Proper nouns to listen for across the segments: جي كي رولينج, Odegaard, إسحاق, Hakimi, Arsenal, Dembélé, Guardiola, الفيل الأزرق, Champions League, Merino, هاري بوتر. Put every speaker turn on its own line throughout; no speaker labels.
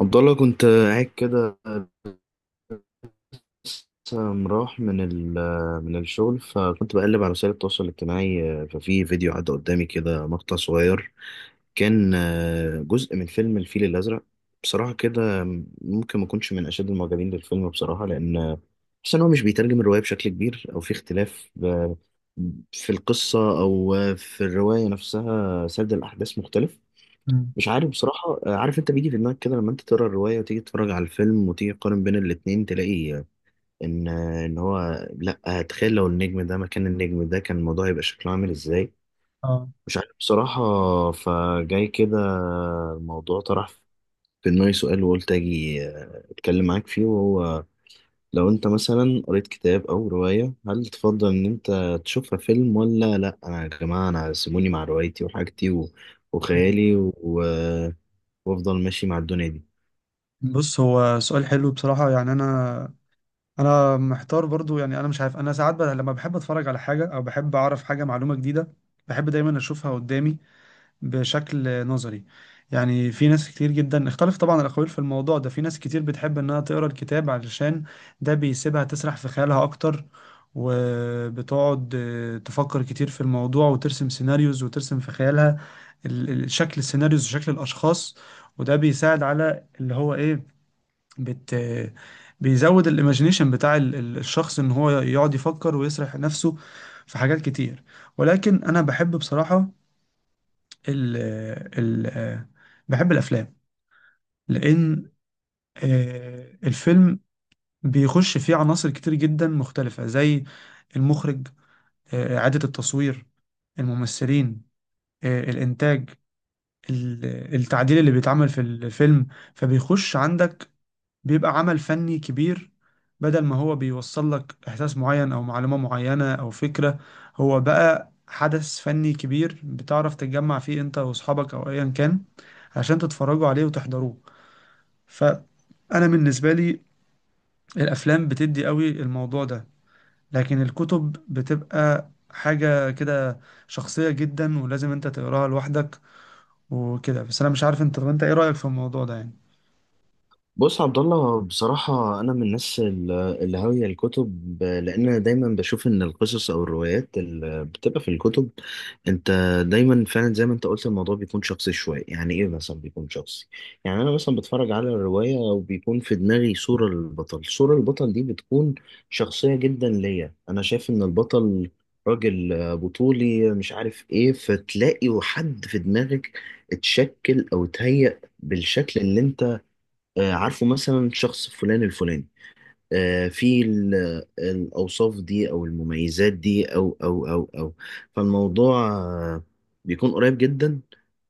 عبد الله، كنت قاعد كده، لسه مروح من الشغل، فكنت بقلب على وسائل التواصل الاجتماعي. ففي فيديو عدى قدامي كده، مقطع صغير كان جزء من فيلم الفيل الأزرق. بصراحة كده، ممكن ما اكونش من أشد المعجبين بالفيلم، بصراحة، لأن بحس إن هو مش بيترجم الرواية بشكل كبير، أو في اختلاف في القصة أو في الرواية نفسها، سرد الأحداث مختلف.
مم.
مش عارف بصراحة. عارف انت بيجي في دماغك كده لما انت تقرا الرواية وتيجي تتفرج على الفيلم وتيجي تقارن بين الاتنين، تلاقي آه، ان آه، ان هو لا، تخيل لو النجم ده مكان النجم ده كان الموضوع هيبقى شكله عامل ازاي.
اه،
مش عارف بصراحة. فجاي كده الموضوع طرح في دماغي سؤال، وقلت اجي اتكلم معاك فيه، وهو: لو انت مثلا قريت كتاب او رواية، هل تفضل ان انت تشوفها فيلم ولا لا؟ انا يا جماعة، انا سيبوني مع روايتي وحاجتي وخيالي وافضل ماشي مع الدنيا دي.
بص، هو سؤال حلو بصراحة. يعني أنا محتار برضو، يعني أنا مش عارف. أنا ساعات لما بحب أتفرج على حاجة أو بحب أعرف حاجة، معلومة جديدة، بحب دايما أشوفها قدامي بشكل نظري. يعني في ناس كتير جدا، اختلف طبعا الأقاويل في الموضوع ده، في ناس كتير بتحب إنها تقرأ الكتاب علشان ده بيسيبها تسرح في خيالها أكتر، وبتقعد تفكر كتير في الموضوع وترسم سيناريوز، وترسم في خيالها شكل السيناريوز وشكل الأشخاص. وده بيساعد على اللي هو إيه، بت آه، بيزود الايماجينيشن بتاع الشخص، ان هو يقعد يفكر ويسرح نفسه في حاجات كتير. ولكن انا بحب بصراحة ال ال بحب الافلام، لان الفيلم بيخش فيه عناصر كتير جدا مختلفة، زي المخرج، إعادة التصوير، الممثلين، الإنتاج، ال- التعديل اللي بيتعمل في الفيلم. فبيخش عندك، بيبقى عمل فني كبير. بدل ما هو بيوصل لك إحساس معين أو معلومة معينة أو فكرة، هو بقى حدث فني كبير بتعرف تتجمع فيه أنت وأصحابك أو أيا كان، عشان تتفرجوا عليه وتحضروه. فأنا بالنسبة لي، الأفلام بتدي قوي الموضوع ده، لكن الكتب بتبقى حاجة كده شخصية جدا ولازم أنت تقراها لوحدك. وكده بس. أنا مش عارف أنت، طب أنت إيه رأيك في الموضوع ده يعني؟
بص عبد الله، بصراحة أنا من الناس اللي هاوية الكتب، لأن أنا دايما بشوف إن القصص أو الروايات اللي بتبقى في الكتب، أنت دايما فعلا زي ما أنت قلت، الموضوع بيكون شخصي شوية. يعني إيه مثلا بيكون شخصي؟ يعني أنا مثلا بتفرج على الرواية وبيكون في دماغي صورة للبطل، صورة البطل دي بتكون شخصية جدا ليا. أنا شايف إن البطل راجل بطولي، مش عارف إيه، فتلاقي حد في دماغك اتشكل أو اتهيأ بالشكل اللي انت عارفه، مثلا شخص فلان الفلاني، في الأوصاف دي أو المميزات دي أو أو أو أو فالموضوع بيكون قريب جدا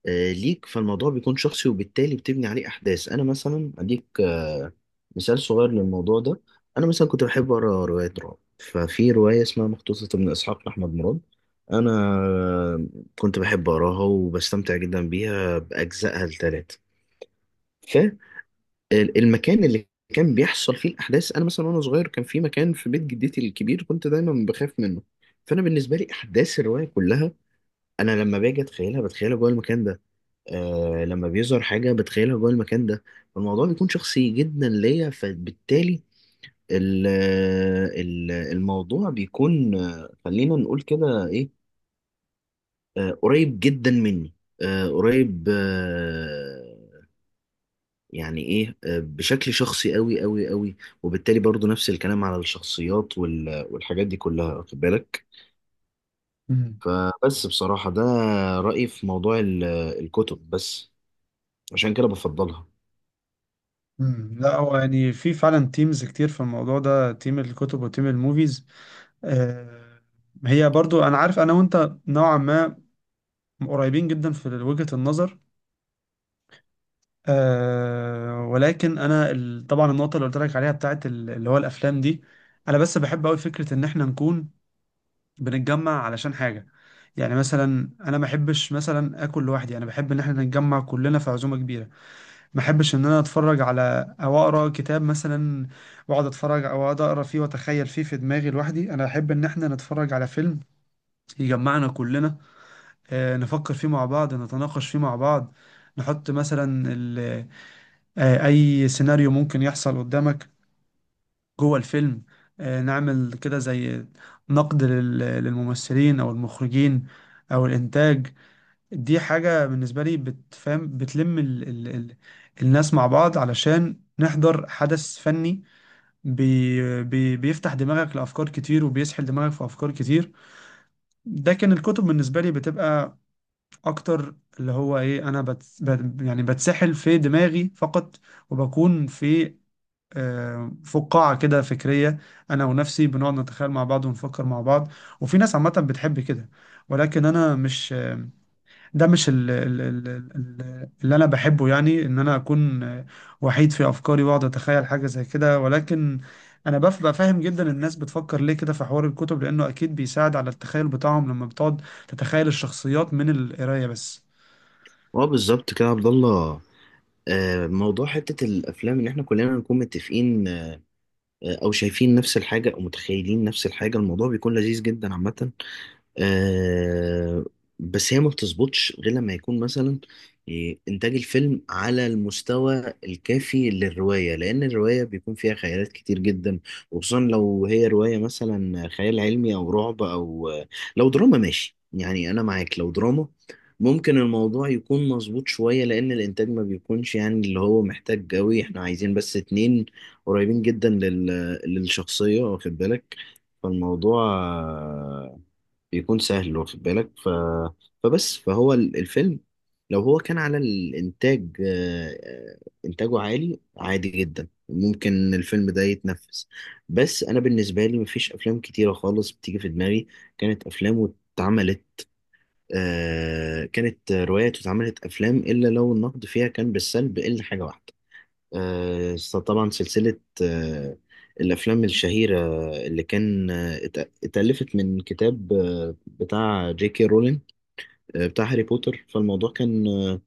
ليك. فالموضوع بيكون شخصي، وبالتالي بتبني عليه أحداث. أنا مثلا أديك مثال صغير للموضوع ده. أنا مثلا كنت بحب أقرأ روايات رعب، ففي رواية اسمها مقتوصة من إسحاق لأحمد مراد، أنا آه، كنت بحب أقراها وبستمتع جدا بيها بأجزائها الثلاثة. المكان اللي كان بيحصل فيه الاحداث، انا مثلا وانا صغير كان في مكان في بيت جدتي الكبير كنت دايما بخاف منه. فانا بالنسبه لي، احداث الروايه كلها انا لما باجي اتخيلها بتخيلها جوه المكان ده. لما بيظهر حاجه بتخيلها جوه المكان ده. فالموضوع بيكون شخصي جدا ليا، فبالتالي ال- الموضوع بيكون خلينا نقول كده ايه، قريب جدا مني. قريب. يعني ايه، بشكل شخصي قوي قوي قوي. وبالتالي برضو نفس الكلام على الشخصيات والحاجات دي كلها، واخد بالك. فبس، بصراحة ده رأيي في موضوع الكتب، بس عشان كده بفضلها.
مم. لا، هو يعني في فعلا تيمز كتير في الموضوع ده، تيم الكتب وتيم الموفيز. آه، هي برضو انا عارف انا وانت نوعا ما قريبين جدا في وجهة النظر. آه، ولكن انا طبعا النقطة اللي قلت لك عليها بتاعت اللي هو الافلام دي، انا بس بحب قوي فكرة ان احنا نكون بنتجمع علشان حاجة. يعني مثلا انا ما بحبش مثلا اكل لوحدي، انا بحب ان احنا نتجمع كلنا في عزومة كبيرة. ما احبش ان انا اتفرج على او اقرا كتاب مثلا، واقعد اتفرج او اقعد اقرا فيه واتخيل فيه في دماغي لوحدي. انا احب ان احنا نتفرج على فيلم يجمعنا كلنا، نفكر فيه مع بعض، نتناقش فيه مع بعض، نحط مثلا اي سيناريو ممكن يحصل قدامك جوه الفيلم، نعمل كده زي نقد للممثلين او المخرجين او الانتاج. دي حاجة بالنسبة لي بتفهم، بتلم ال ال ال الناس مع بعض علشان نحضر حدث فني. بي بي بيفتح دماغك لأفكار كتير وبيسحل دماغك في أفكار كتير. ده كان الكتب بالنسبة لي بتبقى أكتر اللي هو إيه، أنا بت بت يعني بتسحل في دماغي فقط، وبكون في فقاعة كده فكرية، أنا ونفسي بنقعد نتخيل مع بعض ونفكر مع بعض. وفي ناس عامة بتحب كده، ولكن أنا مش، ده مش ال ال ال ال اللي انا بحبه، يعني ان انا اكون وحيد في افكاري واقعد اتخيل حاجه زي كده. ولكن انا ببقى فاهم جدا الناس بتفكر ليه كده في حوار الكتب، لانه اكيد بيساعد على التخيل بتاعهم لما بتقعد تتخيل الشخصيات من القرايه بس.
اه، بالظبط كده يا عبد الله. موضوع حتة الأفلام اللي احنا كلنا نكون متفقين أو شايفين نفس الحاجة أو متخيلين نفس الحاجة، الموضوع بيكون لذيذ جدا عامة. آه بس هي ما بتظبطش غير لما يكون مثلا إيه، إنتاج الفيلم على المستوى الكافي للرواية، لأن الرواية بيكون فيها خيالات كتير جدا، وخصوصا لو هي رواية مثلا خيال علمي أو رعب. أو لو دراما ماشي، يعني أنا معاك، لو دراما ممكن الموضوع يكون مظبوط شوية، لأن الإنتاج ما بيكونش يعني اللي هو محتاج قوي، إحنا عايزين بس اتنين قريبين جدا للشخصية، واخد بالك. فالموضوع بيكون سهل، واخد بالك، فبس فهو الفيلم لو هو كان على الإنتاج، إنتاجه عالي عادي جدا، ممكن الفيلم ده يتنفس. بس أنا بالنسبة لي مفيش أفلام كتيرة خالص بتيجي في دماغي كانت أفلام واتعملت كانت روايات واتعملت أفلام إلا لو النقد فيها كان بالسلب، إلا حاجة واحدة. آه، طبعا سلسلة الأفلام الشهيرة اللي كان اتألفت من كتاب بتاع جي كي رولين، بتاع هاري بوتر. فالموضوع كان آه،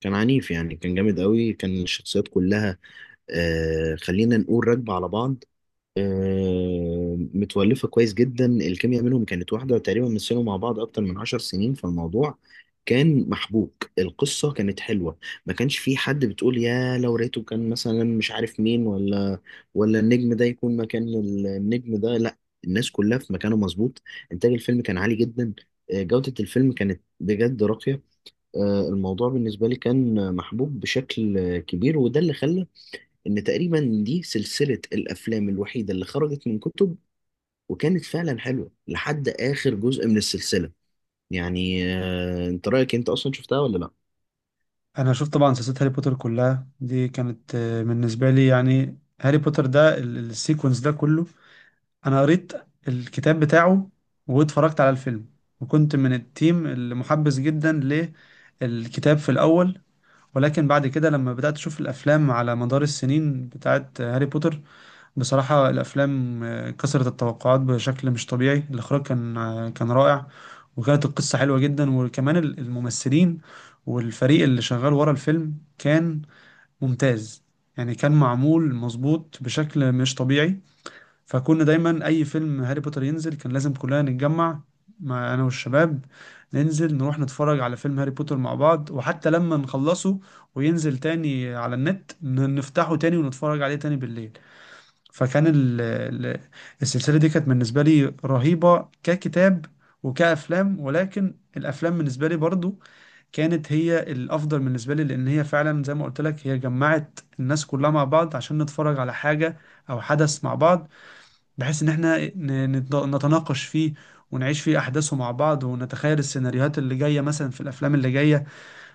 كان عنيف يعني، كان جامد قوي، كان الشخصيات كلها خلينا نقول راكبة على بعض، متولفة كويس جدا. الكيمياء منهم كانت واحدة، تقريبا مثلوا مع بعض أكتر من 10 سنين، فالموضوع كان محبوك، القصة كانت حلوة، ما كانش في حد بتقول يا لو ريته كان مثلا مش عارف مين، ولا النجم ده يكون مكان النجم ده، لا، الناس كلها في مكانه مظبوط. إنتاج الفيلم كان عالي جدا، جودة الفيلم كانت بجد راقية. الموضوع بالنسبة لي كان محبوب بشكل كبير، وده اللي خلى ان تقريبا دي سلسلة الافلام الوحيدة اللي خرجت من كتب وكانت فعلا حلوة لحد اخر جزء من السلسلة. يعني انت رأيك، انت اصلا شفتها ولا لا؟
انا شفت طبعا سلسله هاري بوتر كلها. دي كانت بالنسبه لي يعني، هاري بوتر ده السيكونس ده كله، انا قريت الكتاب بتاعه واتفرجت على الفيلم، وكنت من التيم اللي محبس جدا للكتاب في الاول. ولكن بعد كده لما بدأت اشوف الافلام على مدار السنين بتاعت هاري بوتر، بصراحة الافلام كسرت التوقعات بشكل مش طبيعي. الاخراج كان كان رائع، وكانت القصة حلوة جدا، وكمان الممثلين والفريق اللي شغال ورا الفيلم كان ممتاز. يعني كان معمول مظبوط بشكل مش طبيعي. فكنا دايما اي فيلم هاري بوتر ينزل كان لازم كلنا نتجمع، مع انا والشباب، ننزل نروح نتفرج على فيلم هاري بوتر مع بعض، وحتى لما نخلصه وينزل تاني على النت نفتحه تاني ونتفرج عليه تاني بالليل. فكان السلسلة دي كانت بالنسبة لي رهيبة ككتاب وكأفلام. ولكن الأفلام بالنسبة لي برضو كانت هي الأفضل بالنسبة لي، لأن هي فعلا زي ما قلت لك هي جمعت الناس كلها مع بعض عشان نتفرج على حاجة أو حدث مع بعض، بحيث ان احنا نتناقش فيه ونعيش فيه احداثه مع بعض ونتخيل السيناريوهات اللي جايه مثلا في الافلام اللي جايه.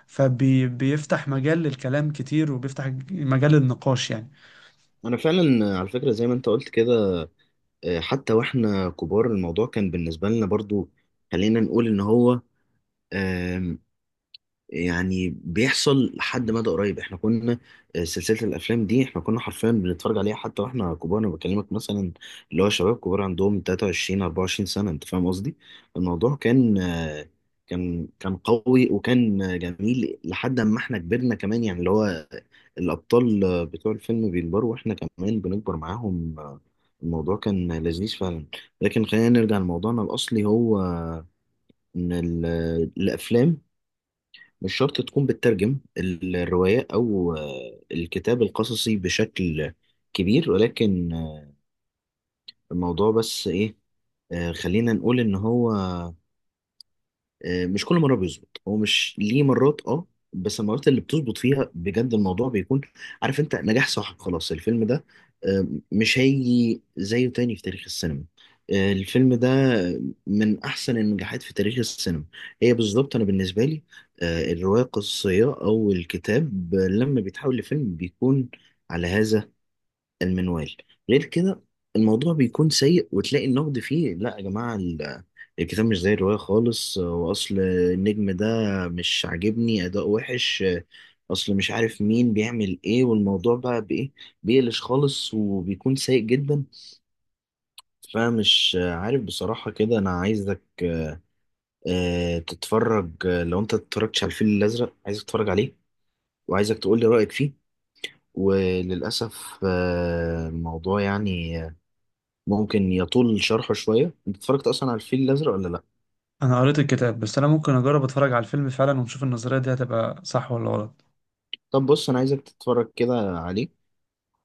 فبيفتح مجال للكلام كتير، وبيفتح مجال للنقاش يعني.
انا فعلا على فكرة زي ما انت قلت كده، حتى واحنا كبار الموضوع كان بالنسبة لنا برضو، خلينا نقول ان هو يعني بيحصل لحد مدى قريب. احنا كنا آه، سلسلة الافلام دي احنا كنا حرفيا بنتفرج عليها حتى واحنا كبار. انا بكلمك مثلا، اللي هو شباب كبار عندهم 23 24 سنة، انت فاهم قصدي. الموضوع كان قوي، وكان جميل لحد ما احنا كبرنا كمان، يعني اللي هو الابطال بتوع الفيلم بيكبروا واحنا كمان بنكبر معاهم. الموضوع كان لذيذ فعلا. لكن خلينا نرجع لموضوعنا الاصلي. هو ان الافلام مش شرط تكون بتترجم الرواية أو الكتاب القصصي بشكل كبير، ولكن الموضوع بس إيه، خلينا نقول إن هو مش كل مرة بيظبط، هو مش ليه مرات، اه. بس المرات اللي بتظبط فيها بجد، الموضوع بيكون عارف انت نجاح صاحب خلاص، الفيلم ده مش هيجي زيه تاني في تاريخ السينما. الفيلم ده من احسن النجاحات في تاريخ السينما. هي بالظبط انا بالنسبة لي، الرواية القصصية او الكتاب لما بيتحول لفيلم بيكون على هذا المنوال، غير كده الموضوع بيكون سيء وتلاقي النقد فيه: لا يا جماعة، الكتاب مش زي الرواية خالص، وأصل النجم ده مش عاجبني، أداء وحش، أصل مش عارف مين بيعمل إيه، والموضوع بقى بإيه، بيقلش خالص وبيكون سيء جدا. فمش عارف بصراحة كده. أنا عايزك تتفرج، لو أنت اتفرجتش على الفيل الأزرق عايزك تتفرج عليه وعايزك تقولي رأيك فيه. وللأسف الموضوع يعني ممكن يطول شرحه شوية. انت اتفرجت اصلا على الفيل الازرق ولا لا؟
انا قريت الكتاب بس، انا ممكن اجرب اتفرج على الفيلم فعلا، ونشوف النظريه دي هتبقى صح ولا غلط.
طب بص، انا عايزك تتفرج كده عليه،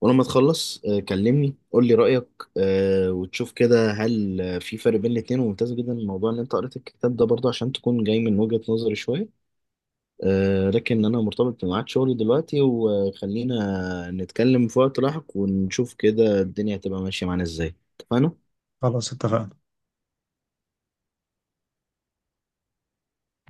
ولما تخلص كلمني قول لي رأيك، وتشوف كده هل في فرق بين الاتنين. وممتاز جدا الموضوع ان انت قريت الكتاب ده برضه عشان تكون جاي من وجهة نظري شوية. لكن انا مرتبط بميعاد شغلي دلوقتي، وخلينا نتكلم في وقت لاحق، ونشوف كده الدنيا هتبقى ماشية معانا ازاي. اتفقنا؟
خلاص اتفقنا.